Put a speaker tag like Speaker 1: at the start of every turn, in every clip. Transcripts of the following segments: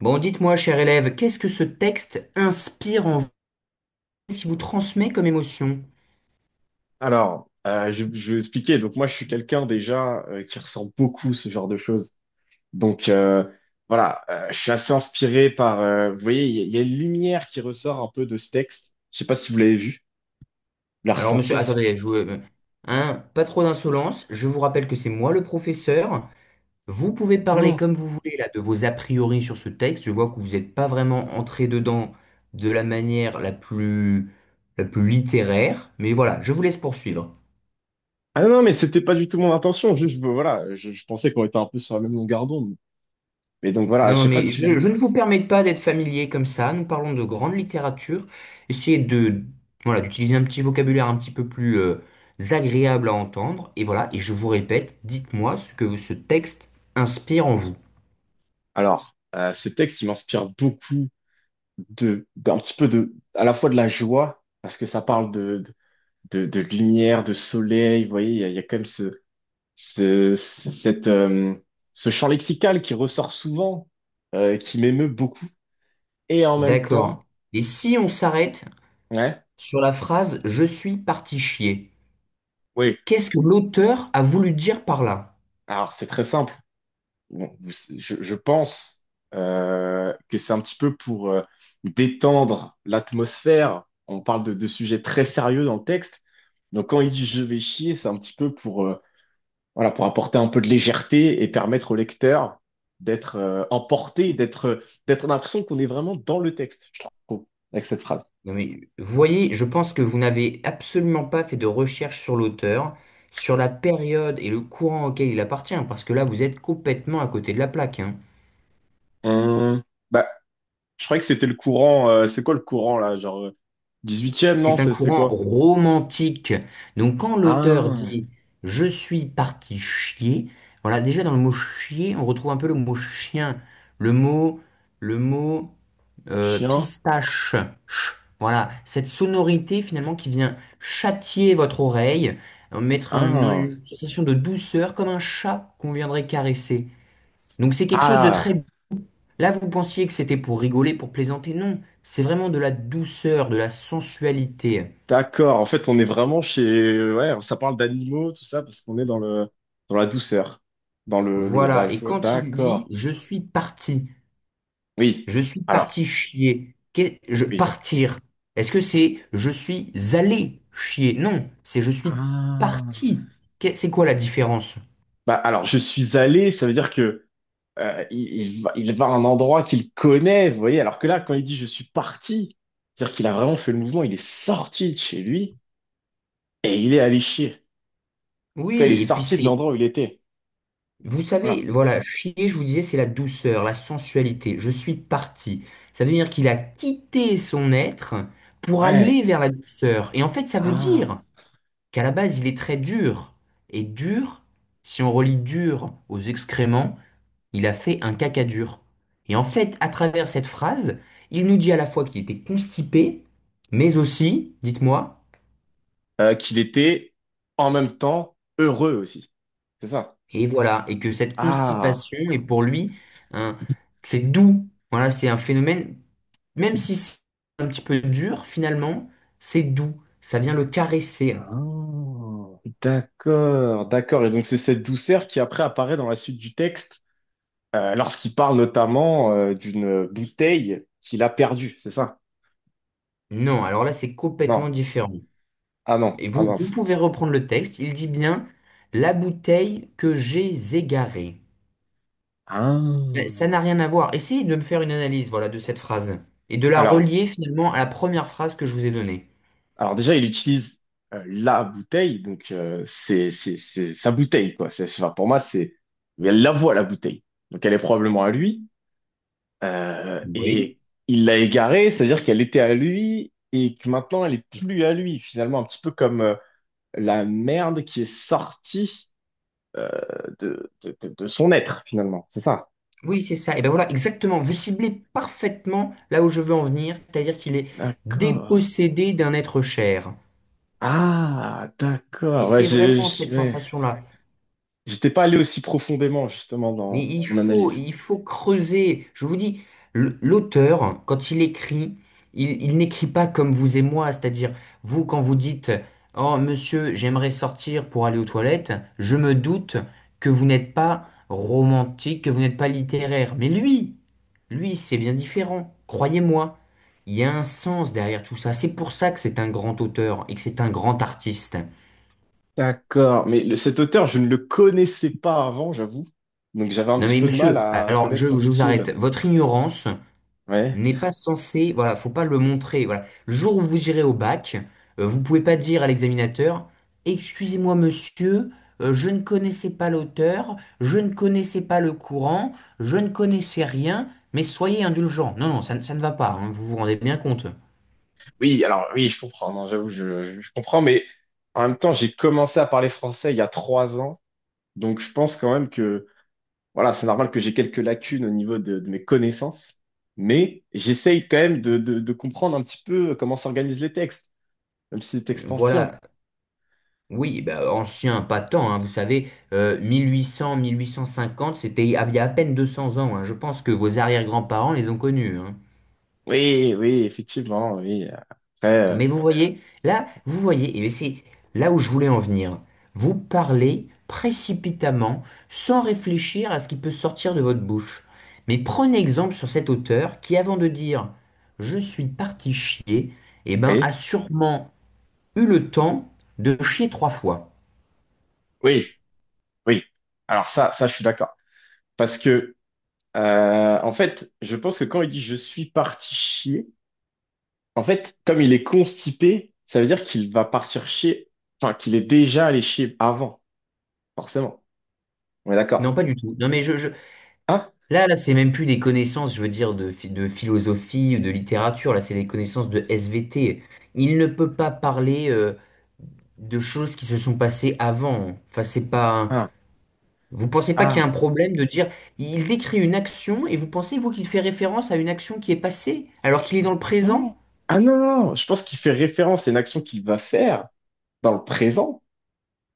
Speaker 1: Bon, dites-moi, cher élève, qu'est-ce que ce texte inspire en vous, ce qui vous transmet comme émotion?
Speaker 2: Alors, je vais vous expliquer. Donc, moi, je suis quelqu'un déjà qui ressent beaucoup ce genre de choses. Donc, voilà, je suis assez inspiré par. Vous voyez, il y a une lumière qui ressort un peu de ce texte. Je sais pas si vous l'avez vu, vous l'avez
Speaker 1: Alors, monsieur,
Speaker 2: ressenti aussi.
Speaker 1: attendez, hein, pas trop d'insolence. Je vous rappelle que c'est moi le professeur. Vous pouvez parler
Speaker 2: Non.
Speaker 1: comme vous voulez là de vos a priori sur ce texte. Je vois que vous n'êtes pas vraiment entré dedans de la manière la plus littéraire. Mais voilà, je vous laisse poursuivre.
Speaker 2: Ah non, non, mais c'était pas du tout mon intention. Juste, voilà, je pensais qu'on était un peu sur la même longueur d'onde. Mais donc voilà, je
Speaker 1: Non,
Speaker 2: sais pas
Speaker 1: mais
Speaker 2: si vous.
Speaker 1: je ne vous permets pas d'être familier comme ça. Nous parlons de grande littérature. Essayez de, voilà, d'utiliser un petit vocabulaire un petit peu plus agréable à entendre. Et voilà, et je vous répète, dites-moi ce que ce texte inspire en vous.
Speaker 2: Alors, ce texte, il m'inspire beaucoup d'un petit peu de, à la fois de la joie, parce que ça parle de lumière, de soleil. Vous voyez, il y a quand même ce, ce- cette, euh, ce champ lexical qui ressort souvent, qui m'émeut beaucoup. Et en même temps,
Speaker 1: D'accord. Et si on s'arrête
Speaker 2: ouais,
Speaker 1: sur la phrase «Je suis parti chier»,
Speaker 2: oui.
Speaker 1: qu'est-ce que l'auteur a voulu dire par là?
Speaker 2: Alors, c'est très simple. Bon, je pense que c'est un petit peu pour détendre l'atmosphère. On parle de sujets très sérieux dans le texte. Donc, quand il dit je vais chier, c'est un petit peu pour voilà, pour apporter un peu de légèreté et permettre au lecteur d'être emporté, d'être on a l'impression qu'on est vraiment dans le texte, je trouve, avec cette phrase.
Speaker 1: Non mais, vous voyez, je pense que vous n'avez absolument pas fait de recherche sur l'auteur, sur la période et le courant auquel il appartient, parce que là, vous êtes complètement à côté de la plaque, hein.
Speaker 2: Hum, bah, je croyais que c'était le courant, c'est quoi le courant là, genre 18e, non,
Speaker 1: C'est un
Speaker 2: c'est
Speaker 1: courant
Speaker 2: quoi?
Speaker 1: romantique. Donc quand l'auteur
Speaker 2: Ah,
Speaker 1: dit «je suis parti chier», voilà, déjà dans le mot chier, on retrouve un peu le mot chien, le mot le mot
Speaker 2: chien.
Speaker 1: pistache. Ch. Voilà, cette sonorité finalement qui vient châtier votre oreille, mettre
Speaker 2: Ah,
Speaker 1: une sensation de douceur comme un chat qu'on viendrait caresser. Donc c'est quelque chose de
Speaker 2: ah,
Speaker 1: très... Là, vous pensiez que c'était pour rigoler, pour plaisanter. Non, c'est vraiment de la douceur, de la sensualité.
Speaker 2: d'accord. En fait, on est vraiment chez, ouais, ça parle d'animaux, tout ça, parce qu'on est dans le, dans la douceur, dans la
Speaker 1: Voilà, et
Speaker 2: joie.
Speaker 1: quand il dit
Speaker 2: D'accord. Oui.
Speaker 1: je suis
Speaker 2: Alors,
Speaker 1: parti chier, qu'est- je
Speaker 2: oui.
Speaker 1: partir, est-ce que c'est «je suis allé chier»? Non, c'est «je suis
Speaker 2: Ah.
Speaker 1: parti». C'est quoi la différence?
Speaker 2: Bah, alors, je suis allé, ça veut dire que il va à un endroit qu'il connaît, vous voyez, alors que là, quand il dit je suis parti, c'est-à-dire qu'il a vraiment fait le mouvement, il est sorti de chez lui et il est allé chier. Parce qu'il est
Speaker 1: Oui, et puis
Speaker 2: sorti de l'endroit où il était.
Speaker 1: vous
Speaker 2: Voilà.
Speaker 1: savez, voilà, chier, je vous disais, c'est la douceur, la sensualité. Je suis parti. Ça veut dire qu'il a quitté son être pour
Speaker 2: Ouais.
Speaker 1: aller vers la douceur. Et en fait, ça veut
Speaker 2: Ah.
Speaker 1: dire qu'à la base, il est très dur. Et dur, si on relie dur aux excréments, il a fait un caca dur. Et en fait, à travers cette phrase, il nous dit à la fois qu'il était constipé, mais aussi, dites-moi,
Speaker 2: Qu'il était en même temps heureux aussi. C'est ça.
Speaker 1: et voilà, et que cette
Speaker 2: Ah.
Speaker 1: constipation est pour lui un, c'est doux. Voilà, c'est un phénomène, même si c'est un petit peu dur, finalement, c'est doux. Ça vient le caresser.
Speaker 2: Ah. D'accord, d'accord. Et donc, c'est cette douceur qui après apparaît dans la suite du texte. Lorsqu'il parle notamment d'une bouteille qu'il a perdue, c'est ça?
Speaker 1: Non, alors là, c'est
Speaker 2: Non.
Speaker 1: complètement différent.
Speaker 2: Ah non,
Speaker 1: Et
Speaker 2: ah
Speaker 1: vous, vous
Speaker 2: mince.
Speaker 1: pouvez reprendre le texte. Il dit bien «la bouteille que j'ai égarée». Mais
Speaker 2: Ah.
Speaker 1: ça n'a rien à voir. Essayez de me faire une analyse, voilà, de cette phrase et de la
Speaker 2: Alors,
Speaker 1: relier finalement à la première phrase que je vous ai donnée.
Speaker 2: alors, déjà, il utilise la bouteille, donc c'est sa bouteille, quoi. C'est, enfin, pour moi, c'est... mais elle la voit, la bouteille. Donc elle est probablement à lui. euh,
Speaker 1: Oui.
Speaker 2: et il l'a égarée, c'est-à-dire qu'elle était à lui et que maintenant, elle est plus à lui. Finalement, un petit peu comme la merde qui est sortie euh, de son être, finalement. C'est ça.
Speaker 1: Oui, c'est ça. Et ben voilà, exactement. Vous ciblez parfaitement là où je veux en venir, c'est-à-dire qu'il est
Speaker 2: D'accord.
Speaker 1: dépossédé d'un être cher.
Speaker 2: Ah,
Speaker 1: Et
Speaker 2: d'accord. Ouais,
Speaker 1: c'est vraiment cette
Speaker 2: ouais.
Speaker 1: sensation-là.
Speaker 2: J'étais pas allé aussi profondément, justement,
Speaker 1: Mais
Speaker 2: dans mon analyse.
Speaker 1: il faut creuser. Je vous dis, l'auteur, quand il écrit, il n'écrit pas comme vous et moi. C'est-à-dire, vous, quand vous dites, «Oh, monsieur, j'aimerais sortir pour aller aux toilettes», je me doute que vous n'êtes pas romantique, que vous n'êtes pas littéraire. Mais lui, c'est bien différent. Croyez-moi, il y a un sens derrière tout ça. C'est pour ça que c'est un grand auteur et que c'est un grand artiste.
Speaker 2: D'accord. Mais cet auteur, je ne le connaissais pas avant, j'avoue. Donc j'avais un
Speaker 1: Non
Speaker 2: petit
Speaker 1: mais
Speaker 2: peu de mal
Speaker 1: monsieur,
Speaker 2: à
Speaker 1: alors
Speaker 2: connaître son
Speaker 1: je vous
Speaker 2: style.
Speaker 1: arrête. Votre ignorance
Speaker 2: Ouais.
Speaker 1: n'est pas censé, voilà, faut pas le montrer, voilà. Le jour où vous irez au bac, vous pouvez pas dire à l'examinateur, «Excusez-moi, monsieur, je ne connaissais pas l'auteur, je ne connaissais pas le courant, je ne connaissais rien, mais soyez indulgent». Non, ça ne va pas, hein, vous vous rendez bien compte.
Speaker 2: Oui, alors oui, je comprends. Non, j'avoue, je comprends. Mais en même temps, j'ai commencé à parler français il y a 3 ans. Donc je pense quand même que, voilà, c'est normal que j'ai quelques lacunes au niveau de mes connaissances. Mais j'essaye quand même de comprendre un petit peu comment s'organisent les textes. Même si c'est extension.
Speaker 1: Voilà. Oui, bah, ancien, pas tant, hein, vous savez, 1800, 1850, c'était il y a à peine 200 ans, hein. Je pense que vos arrière-grands-parents les ont connus, hein.
Speaker 2: Oui, oui, effectivement, oui. Après, euh,
Speaker 1: Mais vous voyez, là, vous voyez, et c'est là où je voulais en venir. Vous parlez précipitamment, sans réfléchir à ce qui peut sortir de votre bouche. Mais prenez exemple sur cet auteur qui, avant de dire «je suis parti chier», eh ben,
Speaker 2: oui,
Speaker 1: a sûrement eu le temps de chier 3 fois.
Speaker 2: oui, oui. Alors ça, je suis d'accord. Parce que, en fait, je pense que quand il dit je suis parti chier, en fait, comme il est constipé, ça veut dire qu'il va partir chier, enfin, qu'il est déjà allé chier avant, forcément. On est
Speaker 1: Non,
Speaker 2: d'accord.
Speaker 1: pas du tout. Non, mais
Speaker 2: Hein?
Speaker 1: là, c'est même plus des connaissances, je veux dire, de philosophie, de littérature. Là, c'est des connaissances de SVT. Il ne peut pas parler. De choses qui se sont passées avant. Enfin, c'est pas.
Speaker 2: Hein?
Speaker 1: Vous pensez pas qu'il y a
Speaker 2: Ah,
Speaker 1: un problème de dire il décrit une action et vous pensez, vous, qu'il fait référence à une action qui est passée alors qu'il est dans le
Speaker 2: non.
Speaker 1: présent?
Speaker 2: Ah non, non, non. Je pense qu'il fait référence à une action qu'il va faire dans le présent,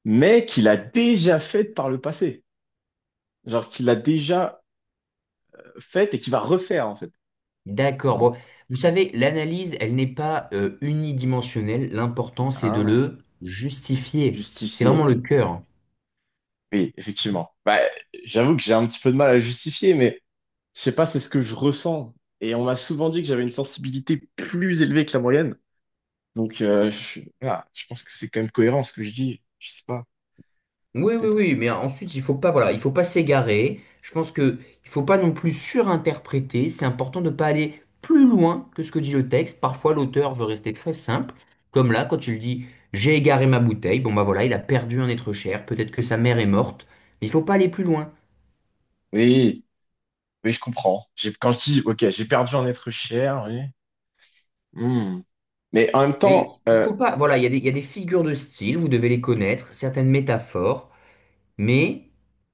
Speaker 2: mais qu'il a déjà faite par le passé. Genre qu'il a déjà faite et qui va refaire, en fait.
Speaker 1: D'accord.
Speaker 2: Non?
Speaker 1: Bon, vous savez, l'analyse, elle n'est pas unidimensionnelle. L'important, c'est de
Speaker 2: Ah,
Speaker 1: le justifier. C'est
Speaker 2: justifier,
Speaker 1: vraiment le
Speaker 2: oui.
Speaker 1: cœur.
Speaker 2: Oui, effectivement. Bah, j'avoue que j'ai un petit peu de mal à justifier, mais je sais pas, c'est ce que je ressens. Et on m'a souvent dit que j'avais une sensibilité plus élevée que la moyenne. Donc, je pense que c'est quand même cohérent ce que je dis. Je sais pas,
Speaker 1: Oui, oui,
Speaker 2: peut-être.
Speaker 1: oui, mais ensuite, il faut pas, voilà, il faut pas s'égarer. Je pense que il faut pas non plus surinterpréter. C'est important de pas aller plus loin que ce que dit le texte. Parfois, l'auteur veut rester très simple, comme là, quand il dit «j'ai égaré ma bouteille». Bon, bah voilà, il a perdu un être cher. Peut-être que sa mère est morte. Mais il faut pas aller plus loin.
Speaker 2: Oui, oui, je comprends. J'ai, quand je dis, ok, j'ai perdu un être cher, oui. Hmm. Mais en même
Speaker 1: Mais
Speaker 2: temps,
Speaker 1: il faut pas, voilà, il y a des figures de style. Vous devez les connaître, certaines métaphores. Mais,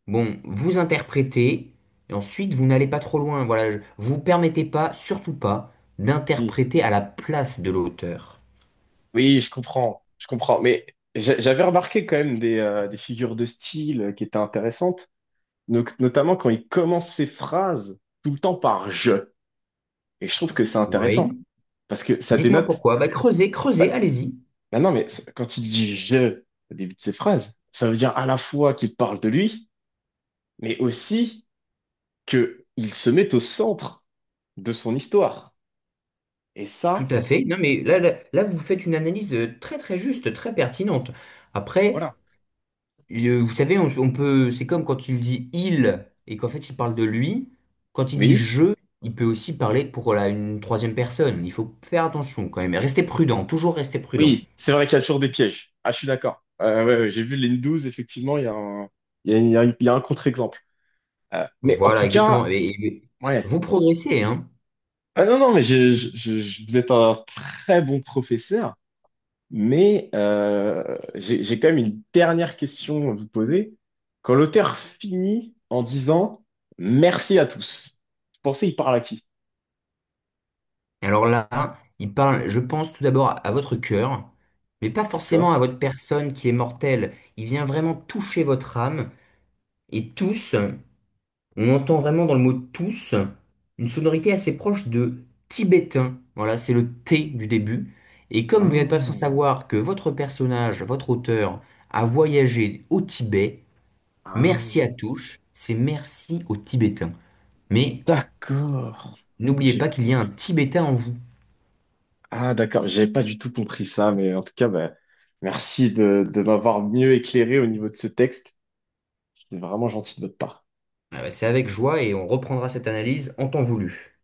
Speaker 1: bon, vous interprétez, et ensuite vous n'allez pas trop loin. Voilà, vous vous permettez pas, surtout pas,
Speaker 2: oui,
Speaker 1: d'interpréter à la place de l'auteur.
Speaker 2: oui, je comprends, je comprends. Mais j'avais remarqué quand même des figures de style qui étaient intéressantes, notamment quand il commence ses phrases tout le temps par je. Et je trouve que c'est
Speaker 1: Oui.
Speaker 2: intéressant parce que ça
Speaker 1: Dites-moi
Speaker 2: dénote.
Speaker 1: pourquoi. Bah, creusez, allez-y.
Speaker 2: Bah non, mais quand il dit je au début de ses phrases, ça veut dire à la fois qu'il parle de lui, mais aussi que il se met au centre de son histoire. Et
Speaker 1: Tout
Speaker 2: ça,
Speaker 1: à fait. Non, mais là, vous faites une analyse très juste, très pertinente. Après,
Speaker 2: voilà.
Speaker 1: vous savez, on peut, c'est comme quand il dit il et qu'en fait il parle de lui. Quand il dit
Speaker 2: Oui.
Speaker 1: je, il peut aussi parler pour une troisième personne. Il faut faire attention quand même. Restez prudent, toujours rester prudent.
Speaker 2: Oui, c'est vrai qu'il y a toujours des pièges. Ah, je suis d'accord. Ouais, ouais, j'ai vu les n 12, effectivement, il y a un, il y a un contre-exemple. Mais en
Speaker 1: Voilà,
Speaker 2: tout
Speaker 1: exactement.
Speaker 2: cas,
Speaker 1: Et
Speaker 2: ouais.
Speaker 1: vous progressez, hein.
Speaker 2: Ah, non, non, mais vous êtes un très bon professeur, mais j'ai quand même une dernière question à vous poser. Quand l'auteur finit en disant merci à tous, vous pensez il parle à qui?
Speaker 1: Et alors là, il parle, je pense tout d'abord à votre cœur, mais pas
Speaker 2: D'accord.
Speaker 1: forcément à votre personne qui est mortelle. Il vient vraiment toucher votre âme. Et tous, on entend vraiment dans le mot tous une sonorité assez proche de tibétain. Voilà, c'est le T du début. Et comme vous n'êtes pas sans
Speaker 2: Ah,
Speaker 1: savoir que votre personnage, votre auteur, a voyagé au Tibet,
Speaker 2: ah,
Speaker 1: merci à tous, c'est merci aux Tibétains. Mais
Speaker 2: d'accord.
Speaker 1: n'oubliez pas
Speaker 2: J'ai-
Speaker 1: qu'il y a un Tibétain en vous.
Speaker 2: Ah, d'accord, j'avais pas du tout compris ça, mais en tout cas, bah, merci de m'avoir mieux éclairé au niveau de ce texte. C'était vraiment gentil de votre part.
Speaker 1: C'est avec joie et on reprendra cette analyse en temps voulu.